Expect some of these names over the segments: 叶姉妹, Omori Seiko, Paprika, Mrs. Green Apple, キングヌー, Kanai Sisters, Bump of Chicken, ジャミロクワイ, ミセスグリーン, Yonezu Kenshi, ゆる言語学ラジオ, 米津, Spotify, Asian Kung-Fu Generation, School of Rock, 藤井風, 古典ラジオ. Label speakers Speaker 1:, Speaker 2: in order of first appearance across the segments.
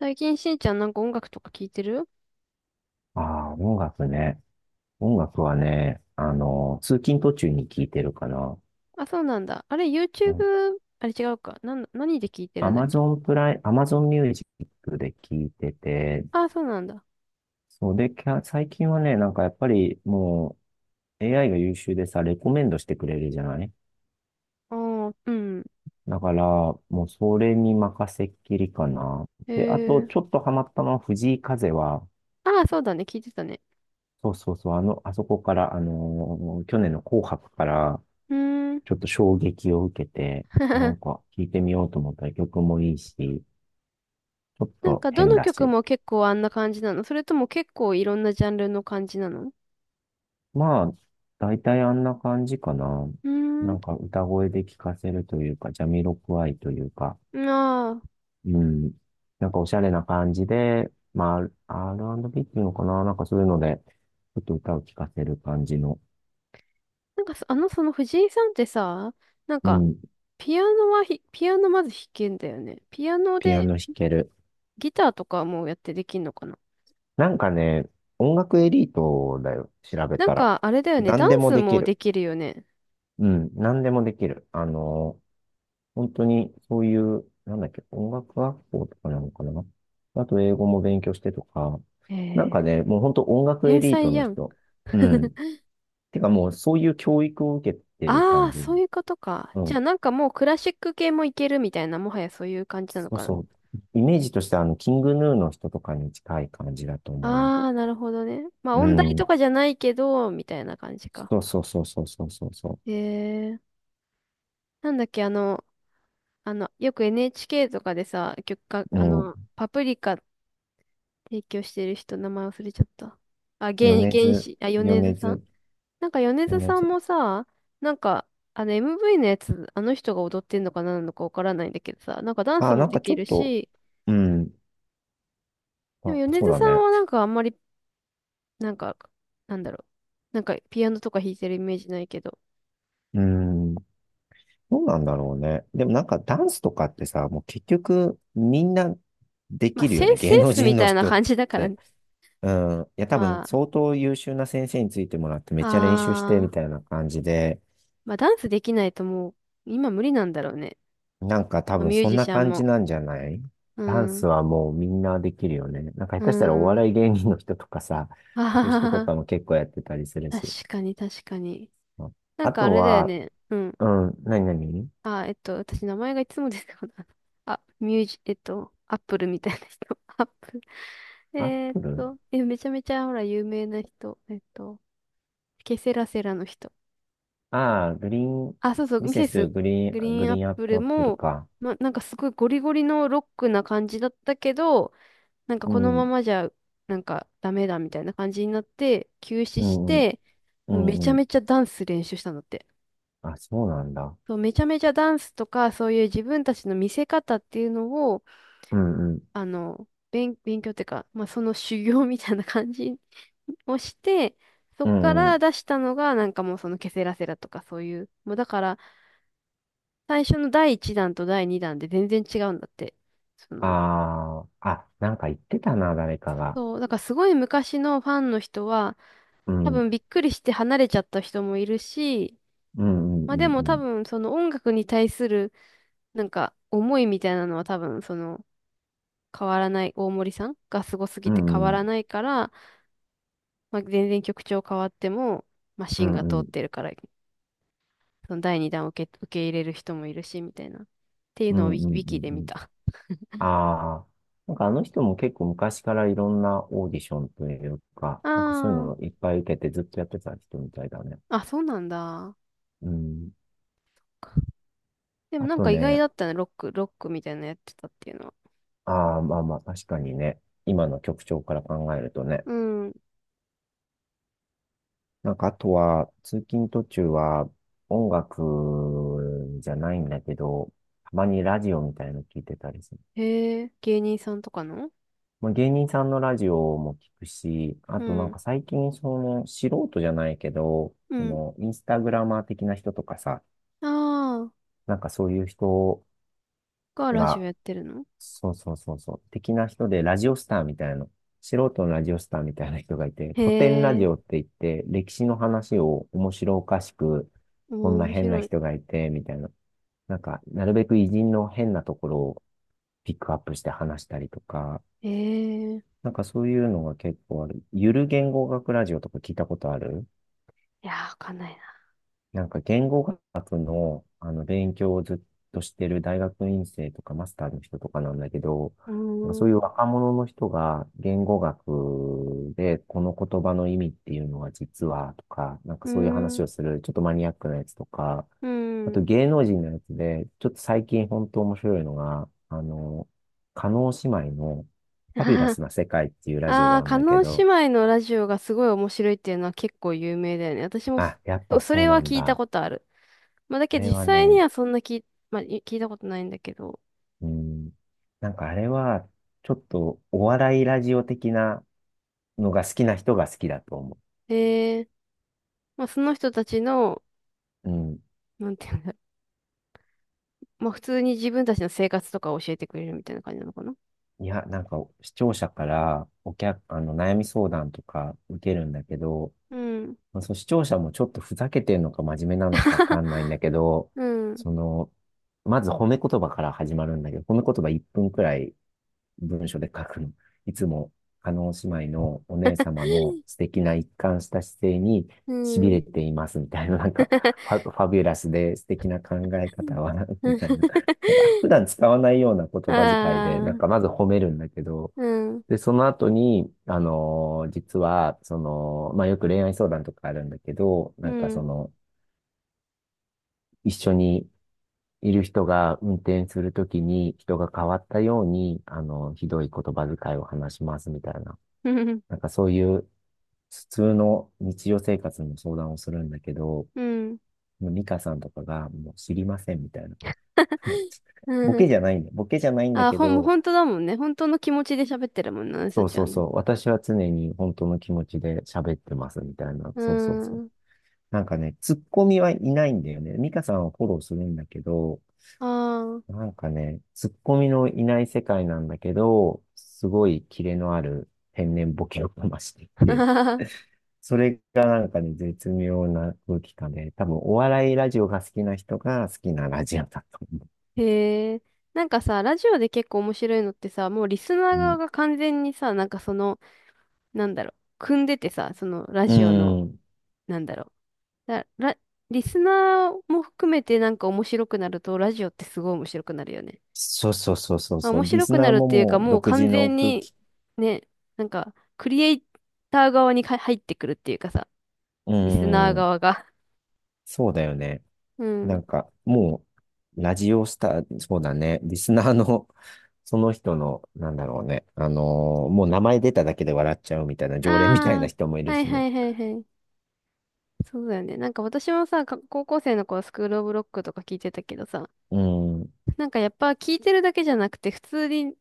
Speaker 1: 最近しんちゃんなんか音楽とか聞いてる。
Speaker 2: ああ、音楽ね。音楽はね、通勤途中に聞いてるかな。
Speaker 1: あ、そうなんだ。あれ、YouTube? あれ違うか。なんだ、何で聞いてるんだっけ。
Speaker 2: アマゾンミュージックで聞いてて、
Speaker 1: あ、そうなんだ。
Speaker 2: そうで、最近はね、なんかやっぱりもう AI が優秀でさ、レコメンドしてくれるじゃない。
Speaker 1: あー、うん。
Speaker 2: だから、もうそれに任せっきりかな。
Speaker 1: へ
Speaker 2: で、あと、ちょっ
Speaker 1: え。
Speaker 2: とハマったのは藤井風は、
Speaker 1: あ、そうだね。聞いてたね。
Speaker 2: そうそうそう、あそこから、去年の紅白から、
Speaker 1: うーん。
Speaker 2: ちょっと衝撃を受けて、なん か聴いてみようと思ったら曲もいいし、ちょっ
Speaker 1: なん
Speaker 2: と
Speaker 1: か、ど
Speaker 2: 変
Speaker 1: の
Speaker 2: だ
Speaker 1: 曲
Speaker 2: し。
Speaker 1: も結構あんな感じなの、それとも結構いろんなジャンルの感じなの。
Speaker 2: まあ、大体あんな感じかな。
Speaker 1: うー
Speaker 2: な
Speaker 1: ん。
Speaker 2: んか歌声で聴かせるというか、ジャミロクワイというか、
Speaker 1: ああ。
Speaker 2: うん。なんかおしゃれな感じで、まあ、R&B っていうのかな、なんかそういうので、ちょっと歌を聴かせる感じの、
Speaker 1: その藤井さんってさ、なん
Speaker 2: う
Speaker 1: か、
Speaker 2: ん、
Speaker 1: ピアノまず弾けんだよね。ピアノ
Speaker 2: ピア
Speaker 1: で
Speaker 2: ノ弾ける。
Speaker 1: ギターとかもやってできんのかな。
Speaker 2: なんかね、音楽エリートだよ、調べ
Speaker 1: なん
Speaker 2: たら。
Speaker 1: か、あれだよね。ダ
Speaker 2: 何で
Speaker 1: ン
Speaker 2: も
Speaker 1: ス
Speaker 2: でき
Speaker 1: もで
Speaker 2: る。
Speaker 1: きるよね。
Speaker 2: うん、何でもできる。本当にそういう、なんだっけ、音楽学校とかなのかな。あと英語も勉強してとか、
Speaker 1: え
Speaker 2: なんか
Speaker 1: ー、
Speaker 2: ね、もう本当音楽エ
Speaker 1: 天
Speaker 2: リート
Speaker 1: 才
Speaker 2: の
Speaker 1: やん。
Speaker 2: 人。うん。てかもうそういう教育を受けてる
Speaker 1: あ
Speaker 2: 感
Speaker 1: あ、
Speaker 2: じ。
Speaker 1: そういうことか。
Speaker 2: う
Speaker 1: じゃあ、
Speaker 2: ん。
Speaker 1: なんかもうクラシック系もいけるみたいな、もはやそういう感じなの
Speaker 2: そう
Speaker 1: かな。
Speaker 2: そう。イメージとしてはキングヌーの人とかに近い感じだと思う。
Speaker 1: ああ、なるほどね。まあ、
Speaker 2: う
Speaker 1: 音大
Speaker 2: ん。
Speaker 1: とかじゃないけど、みたいな感じか。
Speaker 2: そうそうそうそうそうそうそ
Speaker 1: へえー、なんだっけ、あの、あの、よく NHK とかでさ、曲か、
Speaker 2: う。
Speaker 1: あ
Speaker 2: うん。
Speaker 1: の、パプリカ提供してる人、名前忘れちゃった。あ、原、
Speaker 2: 米
Speaker 1: 原
Speaker 2: 津、
Speaker 1: 始、あ、米津
Speaker 2: 米
Speaker 1: さん。
Speaker 2: 津、
Speaker 1: なんか米津
Speaker 2: 米
Speaker 1: さん
Speaker 2: 津。
Speaker 1: もさ、なんか、あの MV のやつ、あの人が踊ってんのか何なのかわからないんだけどさ、なんかダンス
Speaker 2: あ、
Speaker 1: も
Speaker 2: なん
Speaker 1: で
Speaker 2: かち
Speaker 1: き
Speaker 2: ょっ
Speaker 1: る
Speaker 2: と、
Speaker 1: し、
Speaker 2: うん。
Speaker 1: でも
Speaker 2: あ、
Speaker 1: 米
Speaker 2: そう
Speaker 1: 津
Speaker 2: だ
Speaker 1: さん
Speaker 2: ね。
Speaker 1: はなんかあんまり、なんか、なんだろう、なんかピアノとか弾いてるイメージないけど、
Speaker 2: うん。どうなんだろうね。でもなんかダンスとかってさ、もう結局みんなできるよね。
Speaker 1: セ
Speaker 2: 芸
Speaker 1: ン
Speaker 2: 能
Speaker 1: スみ
Speaker 2: 人の
Speaker 1: たいな
Speaker 2: 人っ
Speaker 1: 感じだから
Speaker 2: て。
Speaker 1: ね。
Speaker 2: うん。いや、多分
Speaker 1: まあ、
Speaker 2: 相当優秀な先生についてもらってめっちゃ練習して
Speaker 1: あ
Speaker 2: み
Speaker 1: ー、
Speaker 2: たいな感じで、
Speaker 1: まあダンスできないともう、今無理なんだろうね。
Speaker 2: なんか多
Speaker 1: まあ、
Speaker 2: 分
Speaker 1: ミュー
Speaker 2: そん
Speaker 1: ジ
Speaker 2: な
Speaker 1: シャン
Speaker 2: 感じ
Speaker 1: も。
Speaker 2: なんじゃない？
Speaker 1: う
Speaker 2: ダン
Speaker 1: ん、
Speaker 2: スはもうみんなできるよね。なんか下
Speaker 1: う
Speaker 2: 手したらお
Speaker 1: ん、うん。
Speaker 2: 笑い芸人の人とかさ、そ
Speaker 1: あは
Speaker 2: ういう
Speaker 1: は
Speaker 2: 人
Speaker 1: は
Speaker 2: と
Speaker 1: は、
Speaker 2: かも結構やってたりする
Speaker 1: 確
Speaker 2: し。
Speaker 1: かに確かに。
Speaker 2: あ、
Speaker 1: なん
Speaker 2: あ
Speaker 1: かあ
Speaker 2: と
Speaker 1: れだよ
Speaker 2: は、
Speaker 1: ね。うん。
Speaker 2: うん、何何？
Speaker 1: あ、えっと、私、名前がいつもですこない。あ、ミュージ、えっと、アップルみたいな人。アップル。
Speaker 2: アップル。
Speaker 1: めちゃめちゃ、ほら、有名な人。えっと、ケセラセラの人。
Speaker 2: ああ、グリーン、
Speaker 1: あ、そうそう、
Speaker 2: ミ
Speaker 1: ミ
Speaker 2: セ
Speaker 1: セ
Speaker 2: ス
Speaker 1: ス
Speaker 2: グリ
Speaker 1: グ
Speaker 2: ーン、
Speaker 1: リ
Speaker 2: グ
Speaker 1: ーンアッ
Speaker 2: リーンアッ
Speaker 1: プ
Speaker 2: プ
Speaker 1: ル
Speaker 2: アップル
Speaker 1: も、
Speaker 2: か。
Speaker 1: ま、なんかすごいゴリゴリのロックな感じだったけど、なんか
Speaker 2: う
Speaker 1: この
Speaker 2: ん、
Speaker 1: ま
Speaker 2: う
Speaker 1: まじゃ、なんかダメだみたいな感じになって、休止し
Speaker 2: ん、うん、
Speaker 1: て、
Speaker 2: う
Speaker 1: もうめち
Speaker 2: ん
Speaker 1: ゃ
Speaker 2: うん。
Speaker 1: めちゃダンス練習したんだって。
Speaker 2: あ、そうなんだ。
Speaker 1: そう、めちゃめちゃダンスとか、そういう自分たちの見せ方っていうのを、
Speaker 2: うん、うん、
Speaker 1: 勉強っていうか、まあ、その修行みたいな感じ をして、そ
Speaker 2: う
Speaker 1: っか
Speaker 2: ん、う
Speaker 1: ら出
Speaker 2: ん。
Speaker 1: したのが、なんかもうそのケセラセラとかそういう、もうだから、最初の第1弾と第2弾で全然違うんだって。その、
Speaker 2: ああ、あ、なんか言ってたな、誰かが。
Speaker 1: そう、だからすごい昔のファンの人は、
Speaker 2: う
Speaker 1: 多
Speaker 2: ん、
Speaker 1: 分びっくりして離れちゃった人もいるし、
Speaker 2: うん、う
Speaker 1: まあで
Speaker 2: ん、う
Speaker 1: も多
Speaker 2: ん、
Speaker 1: 分その音楽に対する、なんか思いみたいなのは多分その、変わらない、大森さんがすごす
Speaker 2: う
Speaker 1: ぎて変
Speaker 2: ん、う
Speaker 1: わ
Speaker 2: ん、
Speaker 1: らないから、まあ、全然曲調変わっても、マ
Speaker 2: う
Speaker 1: シン
Speaker 2: ん、
Speaker 1: が
Speaker 2: う
Speaker 1: 通
Speaker 2: ん、
Speaker 1: っ
Speaker 2: う
Speaker 1: て
Speaker 2: ん、
Speaker 1: るから、その第2弾を受け、受け入れる人もいるし、みたいな。っていう
Speaker 2: う
Speaker 1: のをウ
Speaker 2: ん、
Speaker 1: ィ、
Speaker 2: う
Speaker 1: ウ
Speaker 2: ん。
Speaker 1: ィキで
Speaker 2: う
Speaker 1: 見
Speaker 2: ん。
Speaker 1: た。
Speaker 2: ああ、なんかあの人も結構昔からいろんなオーディションというか、なんかそういう
Speaker 1: あ
Speaker 2: のをいっぱい受けてずっとやってた人みたいだね。
Speaker 1: あ、あ、そうなんだ。
Speaker 2: うん。
Speaker 1: でも
Speaker 2: あ
Speaker 1: なん
Speaker 2: と
Speaker 1: か意外だ
Speaker 2: ね、
Speaker 1: ったね、ロックみたいなのやってたっていうのは。
Speaker 2: ああ、まあまあ、確かにね。今の曲調から考えるとね。
Speaker 1: うん。
Speaker 2: なんか、あとは、通勤途中は、音楽じゃないんだけど、たまにラジオみたいの聞いてたりする。
Speaker 1: へえ、芸人さんとかの。
Speaker 2: まあ、芸人さんのラジオも聞くし、あ
Speaker 1: う
Speaker 2: となん
Speaker 1: ん。
Speaker 2: か最近、その、素人じゃないけど、
Speaker 1: う
Speaker 2: そ
Speaker 1: ん。
Speaker 2: の、インスタグラマー的な人とかさ、
Speaker 1: ああ、
Speaker 2: なんかそういう人
Speaker 1: がラジオ
Speaker 2: が、
Speaker 1: やってるの。
Speaker 2: そうそうそうそう。的な人で、ラジオスターみたいな、素人のラジオスターみたいな人がいて、古典ラ
Speaker 1: へ
Speaker 2: ジオっ
Speaker 1: え、
Speaker 2: て言って、歴史の話を面白おかしく、
Speaker 1: お
Speaker 2: こん
Speaker 1: ー
Speaker 2: な
Speaker 1: 面
Speaker 2: 変な
Speaker 1: 白い。
Speaker 2: 人がいて、みたいな。なんか、なるべく偉人の変なところをピックアップして話したりとか、
Speaker 1: へえ、
Speaker 2: なんかそういうのが結構ある。ゆる言語学ラジオとか聞いたことある？
Speaker 1: いやー、わかんないな。
Speaker 2: なんか言語学の、あの勉強をずっとしてる大学院生とかマスターの人とかなんだけど、
Speaker 1: うー
Speaker 2: なんか
Speaker 1: ん、
Speaker 2: そう
Speaker 1: う
Speaker 2: いう若者の人が言語学でこの言葉の意味っていうのは実はとか、なん
Speaker 1: ー
Speaker 2: かそういう
Speaker 1: ん、
Speaker 2: 話
Speaker 1: う
Speaker 2: をするちょっとマニアックなやつとか、
Speaker 1: ー
Speaker 2: あと
Speaker 1: ん。
Speaker 2: 芸能人のやつで、ちょっと最近本当面白いのが、叶姉妹のファビュラス な世界っていうラジオ
Speaker 1: あ
Speaker 2: が
Speaker 1: あ、
Speaker 2: あるんだけ
Speaker 1: 叶姉
Speaker 2: ど、
Speaker 1: 妹のラジオがすごい面白いっていうのは結構有名だよね。私も
Speaker 2: あ、やっ
Speaker 1: そ、
Speaker 2: ぱ
Speaker 1: そ
Speaker 2: そう
Speaker 1: れは
Speaker 2: なん
Speaker 1: 聞いた
Speaker 2: だ。
Speaker 1: ことある。まあ、だ
Speaker 2: あ
Speaker 1: けど
Speaker 2: れ
Speaker 1: 実
Speaker 2: は
Speaker 1: 際に
Speaker 2: ね、
Speaker 1: はそんな聞い、まあ、聞いたことないんだけど。
Speaker 2: うん。なんかあれは、ちょっとお笑いラジオ的なのが好きな人が好きだと思
Speaker 1: ええ、まあ、その人たちの、
Speaker 2: う。うん。
Speaker 1: なんていうんだろう。まあ、普通に自分たちの生活とかを教えてくれるみたいな感じなのかな。
Speaker 2: いや、なんか視聴者からお客、あの、悩み相談とか受けるんだけど、
Speaker 1: うん。
Speaker 2: まあ、そう、視聴者もちょっとふざけてるのか真面目なのかわ かんないんだけど、
Speaker 1: うん。
Speaker 2: その、まず褒め言葉から始まるんだけど、褒め言葉1分くらい文章で書くの。いつも、叶姉妹のお姉様の素敵な一貫した姿勢に
Speaker 1: う
Speaker 2: 痺
Speaker 1: ん。
Speaker 2: れていますみたいな、なんか、ファビュラスで素敵な考え 方は、
Speaker 1: う
Speaker 2: み
Speaker 1: ん。
Speaker 2: たいな。なんか、普段使わないような言葉遣いで、
Speaker 1: あ
Speaker 2: なんか、ま
Speaker 1: あ、
Speaker 2: ず褒めるんだけど、
Speaker 1: うん。
Speaker 2: で、その後に、実は、その、まあ、よく恋愛相談とかあるんだけど、
Speaker 1: う
Speaker 2: なんかそ
Speaker 1: ん。
Speaker 2: の、一緒にいる人が運転するときに人が変わったように、ひどい言葉遣いを話しますみたいな。
Speaker 1: うん。
Speaker 2: なんかそういう普通の日常生活の相談をするんだけど、
Speaker 1: うん。
Speaker 2: もうミカさんとかがもう知りませんみたいな。
Speaker 1: う
Speaker 2: ボ
Speaker 1: ん。
Speaker 2: ケじゃないんだ。ボケじゃないんだ
Speaker 1: ああ、
Speaker 2: け
Speaker 1: ほん、もう
Speaker 2: ど、
Speaker 1: 本当だもんね。本当の気持ちで喋ってるもんな、私た
Speaker 2: そう
Speaker 1: ち
Speaker 2: そ
Speaker 1: は
Speaker 2: う
Speaker 1: ね。
Speaker 2: そう。私は常に本当の気持ちで喋ってますみたいな。
Speaker 1: う
Speaker 2: そうそうそう。
Speaker 1: ん。
Speaker 2: なんかね、ツッコミはいないんだよね。ミカさんはフォローするんだけど、
Speaker 1: ああ。
Speaker 2: なんかね、ツッコミのいない世界なんだけど、すごいキレのある天然ボケをかましていて、それがなんかね、絶妙な空気感で、多分お笑いラジオが好きな人が好きなラジオだと思
Speaker 1: へえ。なんかさ、ラジオで結構面白いのってさ、もうリスナ
Speaker 2: う。
Speaker 1: ー側
Speaker 2: う
Speaker 1: が完全にさ、なんかその、なんだろう、組んでてさ、そのラ
Speaker 2: ん。う
Speaker 1: ジオの、
Speaker 2: ん。
Speaker 1: なんだろう。だ、ラ、リスナーも含めてなんか面白くなると、ラジオってすごい面白くなるよね。
Speaker 2: そうそうそうそう
Speaker 1: まあ、
Speaker 2: そ
Speaker 1: 面
Speaker 2: う。リ
Speaker 1: 白
Speaker 2: ス
Speaker 1: くな
Speaker 2: ナー
Speaker 1: るっ
Speaker 2: も
Speaker 1: ていうか、
Speaker 2: もう
Speaker 1: もう
Speaker 2: 独
Speaker 1: 完
Speaker 2: 自の
Speaker 1: 全
Speaker 2: 空
Speaker 1: に、
Speaker 2: 気。
Speaker 1: ね、なんか、クリエイター側に入ってくるっていうかさ、
Speaker 2: う
Speaker 1: リスナー
Speaker 2: ん。
Speaker 1: 側が。
Speaker 2: そうだよね。
Speaker 1: う
Speaker 2: な
Speaker 1: ん。
Speaker 2: んか、もう、ラジオスター、そうだね、リスナーの、その人の、なんだろうね、もう名前出ただけで笑っちゃうみたいな、常連みたいな
Speaker 1: あ
Speaker 2: 人もい
Speaker 1: あ、
Speaker 2: る
Speaker 1: はい
Speaker 2: しね。
Speaker 1: はいはいはい。そうだよね。なんか私もさ、高校生の頃スクールオブロックとか聞いてたけどさ、
Speaker 2: うん、
Speaker 1: なんかやっぱ聞いてるだけじゃなくて、普通に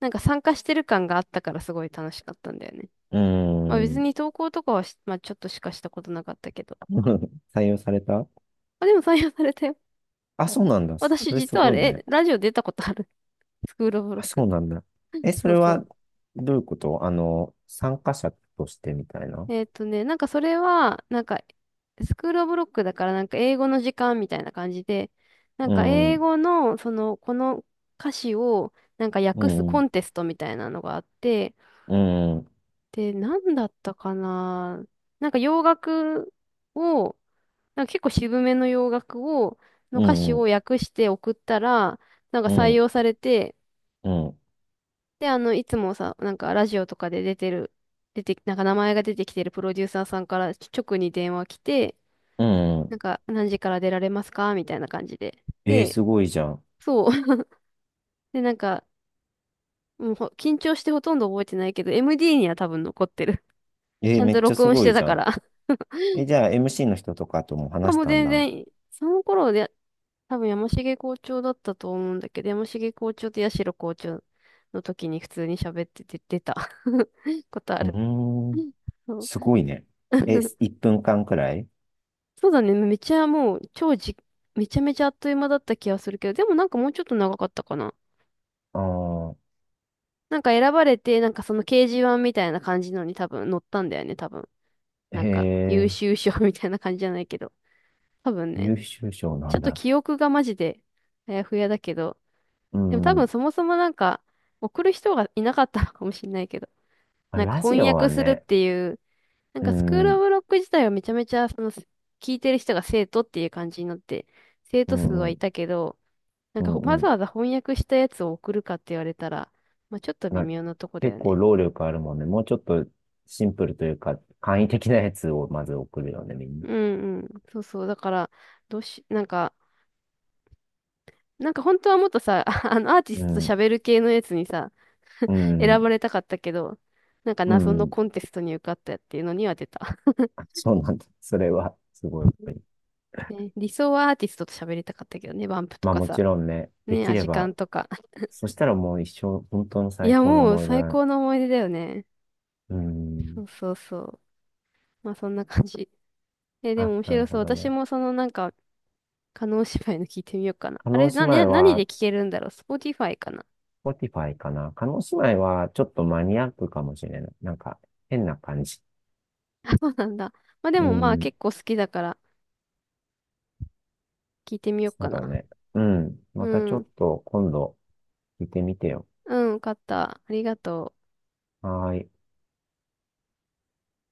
Speaker 1: なんか参加してる感があったからすごい楽しかったんだよね。
Speaker 2: う
Speaker 1: まあ別
Speaker 2: ん。
Speaker 1: に投稿とかはしまあちょっとしかしたことなかったけど。
Speaker 2: 採用された？
Speaker 1: まあ、でも採用されたよ。
Speaker 2: あ、そうなんだ。そ
Speaker 1: 私
Speaker 2: れす
Speaker 1: 実はあ
Speaker 2: ごい
Speaker 1: れ、
Speaker 2: ね。
Speaker 1: えラジオ出たことある。スクールオブロ
Speaker 2: あ、
Speaker 1: ッ
Speaker 2: そ
Speaker 1: ク。
Speaker 2: うなんだ。え、そ
Speaker 1: そ
Speaker 2: れ
Speaker 1: うそ
Speaker 2: は、
Speaker 1: う。
Speaker 2: どういうこと？参加者としてみたいな？
Speaker 1: えっとね、なんかそれは、なんか、スクールオブロックだから、なんか英語の時間みたいな感じで、なん
Speaker 2: う
Speaker 1: か
Speaker 2: ん、う
Speaker 1: 英
Speaker 2: ん、
Speaker 1: 語の、その、この歌詞を、なんか
Speaker 2: う
Speaker 1: 訳すコ
Speaker 2: ん、
Speaker 1: ンテストみたいなのがあって、
Speaker 2: うん、
Speaker 1: で、なんだったかな。なんか洋楽を、なんか結構渋めの洋楽を、
Speaker 2: う
Speaker 1: 歌詞を
Speaker 2: ん、
Speaker 1: 訳して送ったら、なんか
Speaker 2: う
Speaker 1: 採
Speaker 2: ん、
Speaker 1: 用されて、で、あの、いつもさ、なんかラジオとかで出てる、出て、なんか名前が出てきてるプロデューサーさんから直に電話来て、
Speaker 2: う
Speaker 1: なん
Speaker 2: ん。
Speaker 1: か、何時から出られますかみたいな感じで。
Speaker 2: えー、
Speaker 1: で、
Speaker 2: すごいじゃん。
Speaker 1: そう。で、なんか、もう緊張してほとんど覚えてないけど、MD には多分残ってる。
Speaker 2: え
Speaker 1: ち
Speaker 2: ー、
Speaker 1: ゃん
Speaker 2: め
Speaker 1: と
Speaker 2: っちゃ
Speaker 1: 録
Speaker 2: す
Speaker 1: 音し
Speaker 2: ごい
Speaker 1: て
Speaker 2: じ
Speaker 1: た
Speaker 2: ゃ
Speaker 1: か
Speaker 2: ん。
Speaker 1: ら。
Speaker 2: え、じゃあ MC の人とかとも
Speaker 1: まあ
Speaker 2: 話し
Speaker 1: もう
Speaker 2: たん
Speaker 1: 全
Speaker 2: だ。う
Speaker 1: 然、その頃で、多分山重校長だったと思うんだけど、山重校長と八代校長の時に普通に喋ってて出た ことあ
Speaker 2: ー
Speaker 1: る。
Speaker 2: ん、
Speaker 1: そう
Speaker 2: すごいね。え、1分間くらい？
Speaker 1: そうだね。めっちゃもう、超じ、めちゃめちゃあっという間だった気がするけど、でもなんかもうちょっと長かったかな。
Speaker 2: ああー、
Speaker 1: なんか選ばれて、なんかその掲示板みたいな感じのに多分載ったんだよね、多分。な
Speaker 2: へ
Speaker 1: んか優
Speaker 2: え、
Speaker 1: 秀賞 みたいな感じじゃないけど。多分ね。
Speaker 2: 優秀賞な
Speaker 1: ちょっ
Speaker 2: ん
Speaker 1: と
Speaker 2: だ。
Speaker 1: 記憶がマジであやふやだけど。
Speaker 2: う
Speaker 1: でも多分
Speaker 2: ん。
Speaker 1: そもそもなんか送る人がいなかったのかもしれないけど。
Speaker 2: まあ、
Speaker 1: なんか
Speaker 2: ラジ
Speaker 1: 翻
Speaker 2: オ
Speaker 1: 訳
Speaker 2: は
Speaker 1: するっ
Speaker 2: ね、
Speaker 1: ていう、なん
Speaker 2: う
Speaker 1: かスクー
Speaker 2: ん、
Speaker 1: ルオ
Speaker 2: う
Speaker 1: ブロック自体はめちゃめちゃその聞いてる人が生徒っていう感じになって、生徒数
Speaker 2: ん、
Speaker 1: は
Speaker 2: う
Speaker 1: いたけど、なんかわ
Speaker 2: ん、う
Speaker 1: ざ
Speaker 2: ん。
Speaker 1: わざ翻訳したやつを送るかって言われたら、まあちょっと微
Speaker 2: まあ、
Speaker 1: 妙なとこだよ
Speaker 2: 結構
Speaker 1: ね。
Speaker 2: 労力あるもんね。もうちょっとシンプルというか、簡易的なやつをまず送るよね、みん
Speaker 1: う
Speaker 2: な。
Speaker 1: んうん。そうそう。だから、どうし、なんか、なんか本当はもっとさ、あの、アーティ
Speaker 2: う
Speaker 1: ストと
Speaker 2: ん、
Speaker 1: 喋る系のやつにさ、
Speaker 2: う
Speaker 1: 選
Speaker 2: ん、
Speaker 1: ばれたかったけど、なんか
Speaker 2: う
Speaker 1: 謎の
Speaker 2: ん。
Speaker 1: コンテストに受かったっていうのには出た。
Speaker 2: あ、そうなんだ。それは、すごい。
Speaker 1: ね、理想はアーティストと喋りたかったけどね、バンプと
Speaker 2: まあ
Speaker 1: か
Speaker 2: も
Speaker 1: さ、
Speaker 2: ちろんね、で
Speaker 1: ね、
Speaker 2: き
Speaker 1: ア
Speaker 2: れ
Speaker 1: ジカ
Speaker 2: ば、
Speaker 1: ンとか。
Speaker 2: そしたらもう一生、本当の
Speaker 1: い
Speaker 2: 最
Speaker 1: や、
Speaker 2: 高の
Speaker 1: もう
Speaker 2: 思い出
Speaker 1: 最
Speaker 2: だね。
Speaker 1: 高の思い出だよね。
Speaker 2: うー
Speaker 1: そ
Speaker 2: ん。
Speaker 1: うそうそう。まあそんな感じ。え、でも
Speaker 2: あ、
Speaker 1: 面
Speaker 2: なる
Speaker 1: 白
Speaker 2: ほ
Speaker 1: そう。
Speaker 2: ど
Speaker 1: 私
Speaker 2: ね。
Speaker 1: もそのなんか、叶姉妹の聞いてみようかな。
Speaker 2: 叶
Speaker 1: あれ、
Speaker 2: 姉妹
Speaker 1: 何
Speaker 2: は、
Speaker 1: で聞けるんだろう？ Spotify かな。
Speaker 2: Spotify かな。叶姉妹は、ちょっとマニアックかもしれない。なんか、変な感じ。
Speaker 1: そうなんだ。まあで
Speaker 2: う
Speaker 1: も
Speaker 2: ー
Speaker 1: まあ
Speaker 2: ん。
Speaker 1: 結構好きだから、聞いてみよう
Speaker 2: そう
Speaker 1: か
Speaker 2: だ
Speaker 1: な。
Speaker 2: ね。うん。
Speaker 1: う
Speaker 2: またちょ
Speaker 1: ん。
Speaker 2: っと、今度、聞いてみてよ。
Speaker 1: うん、勝った。ありがとう。
Speaker 2: はーい。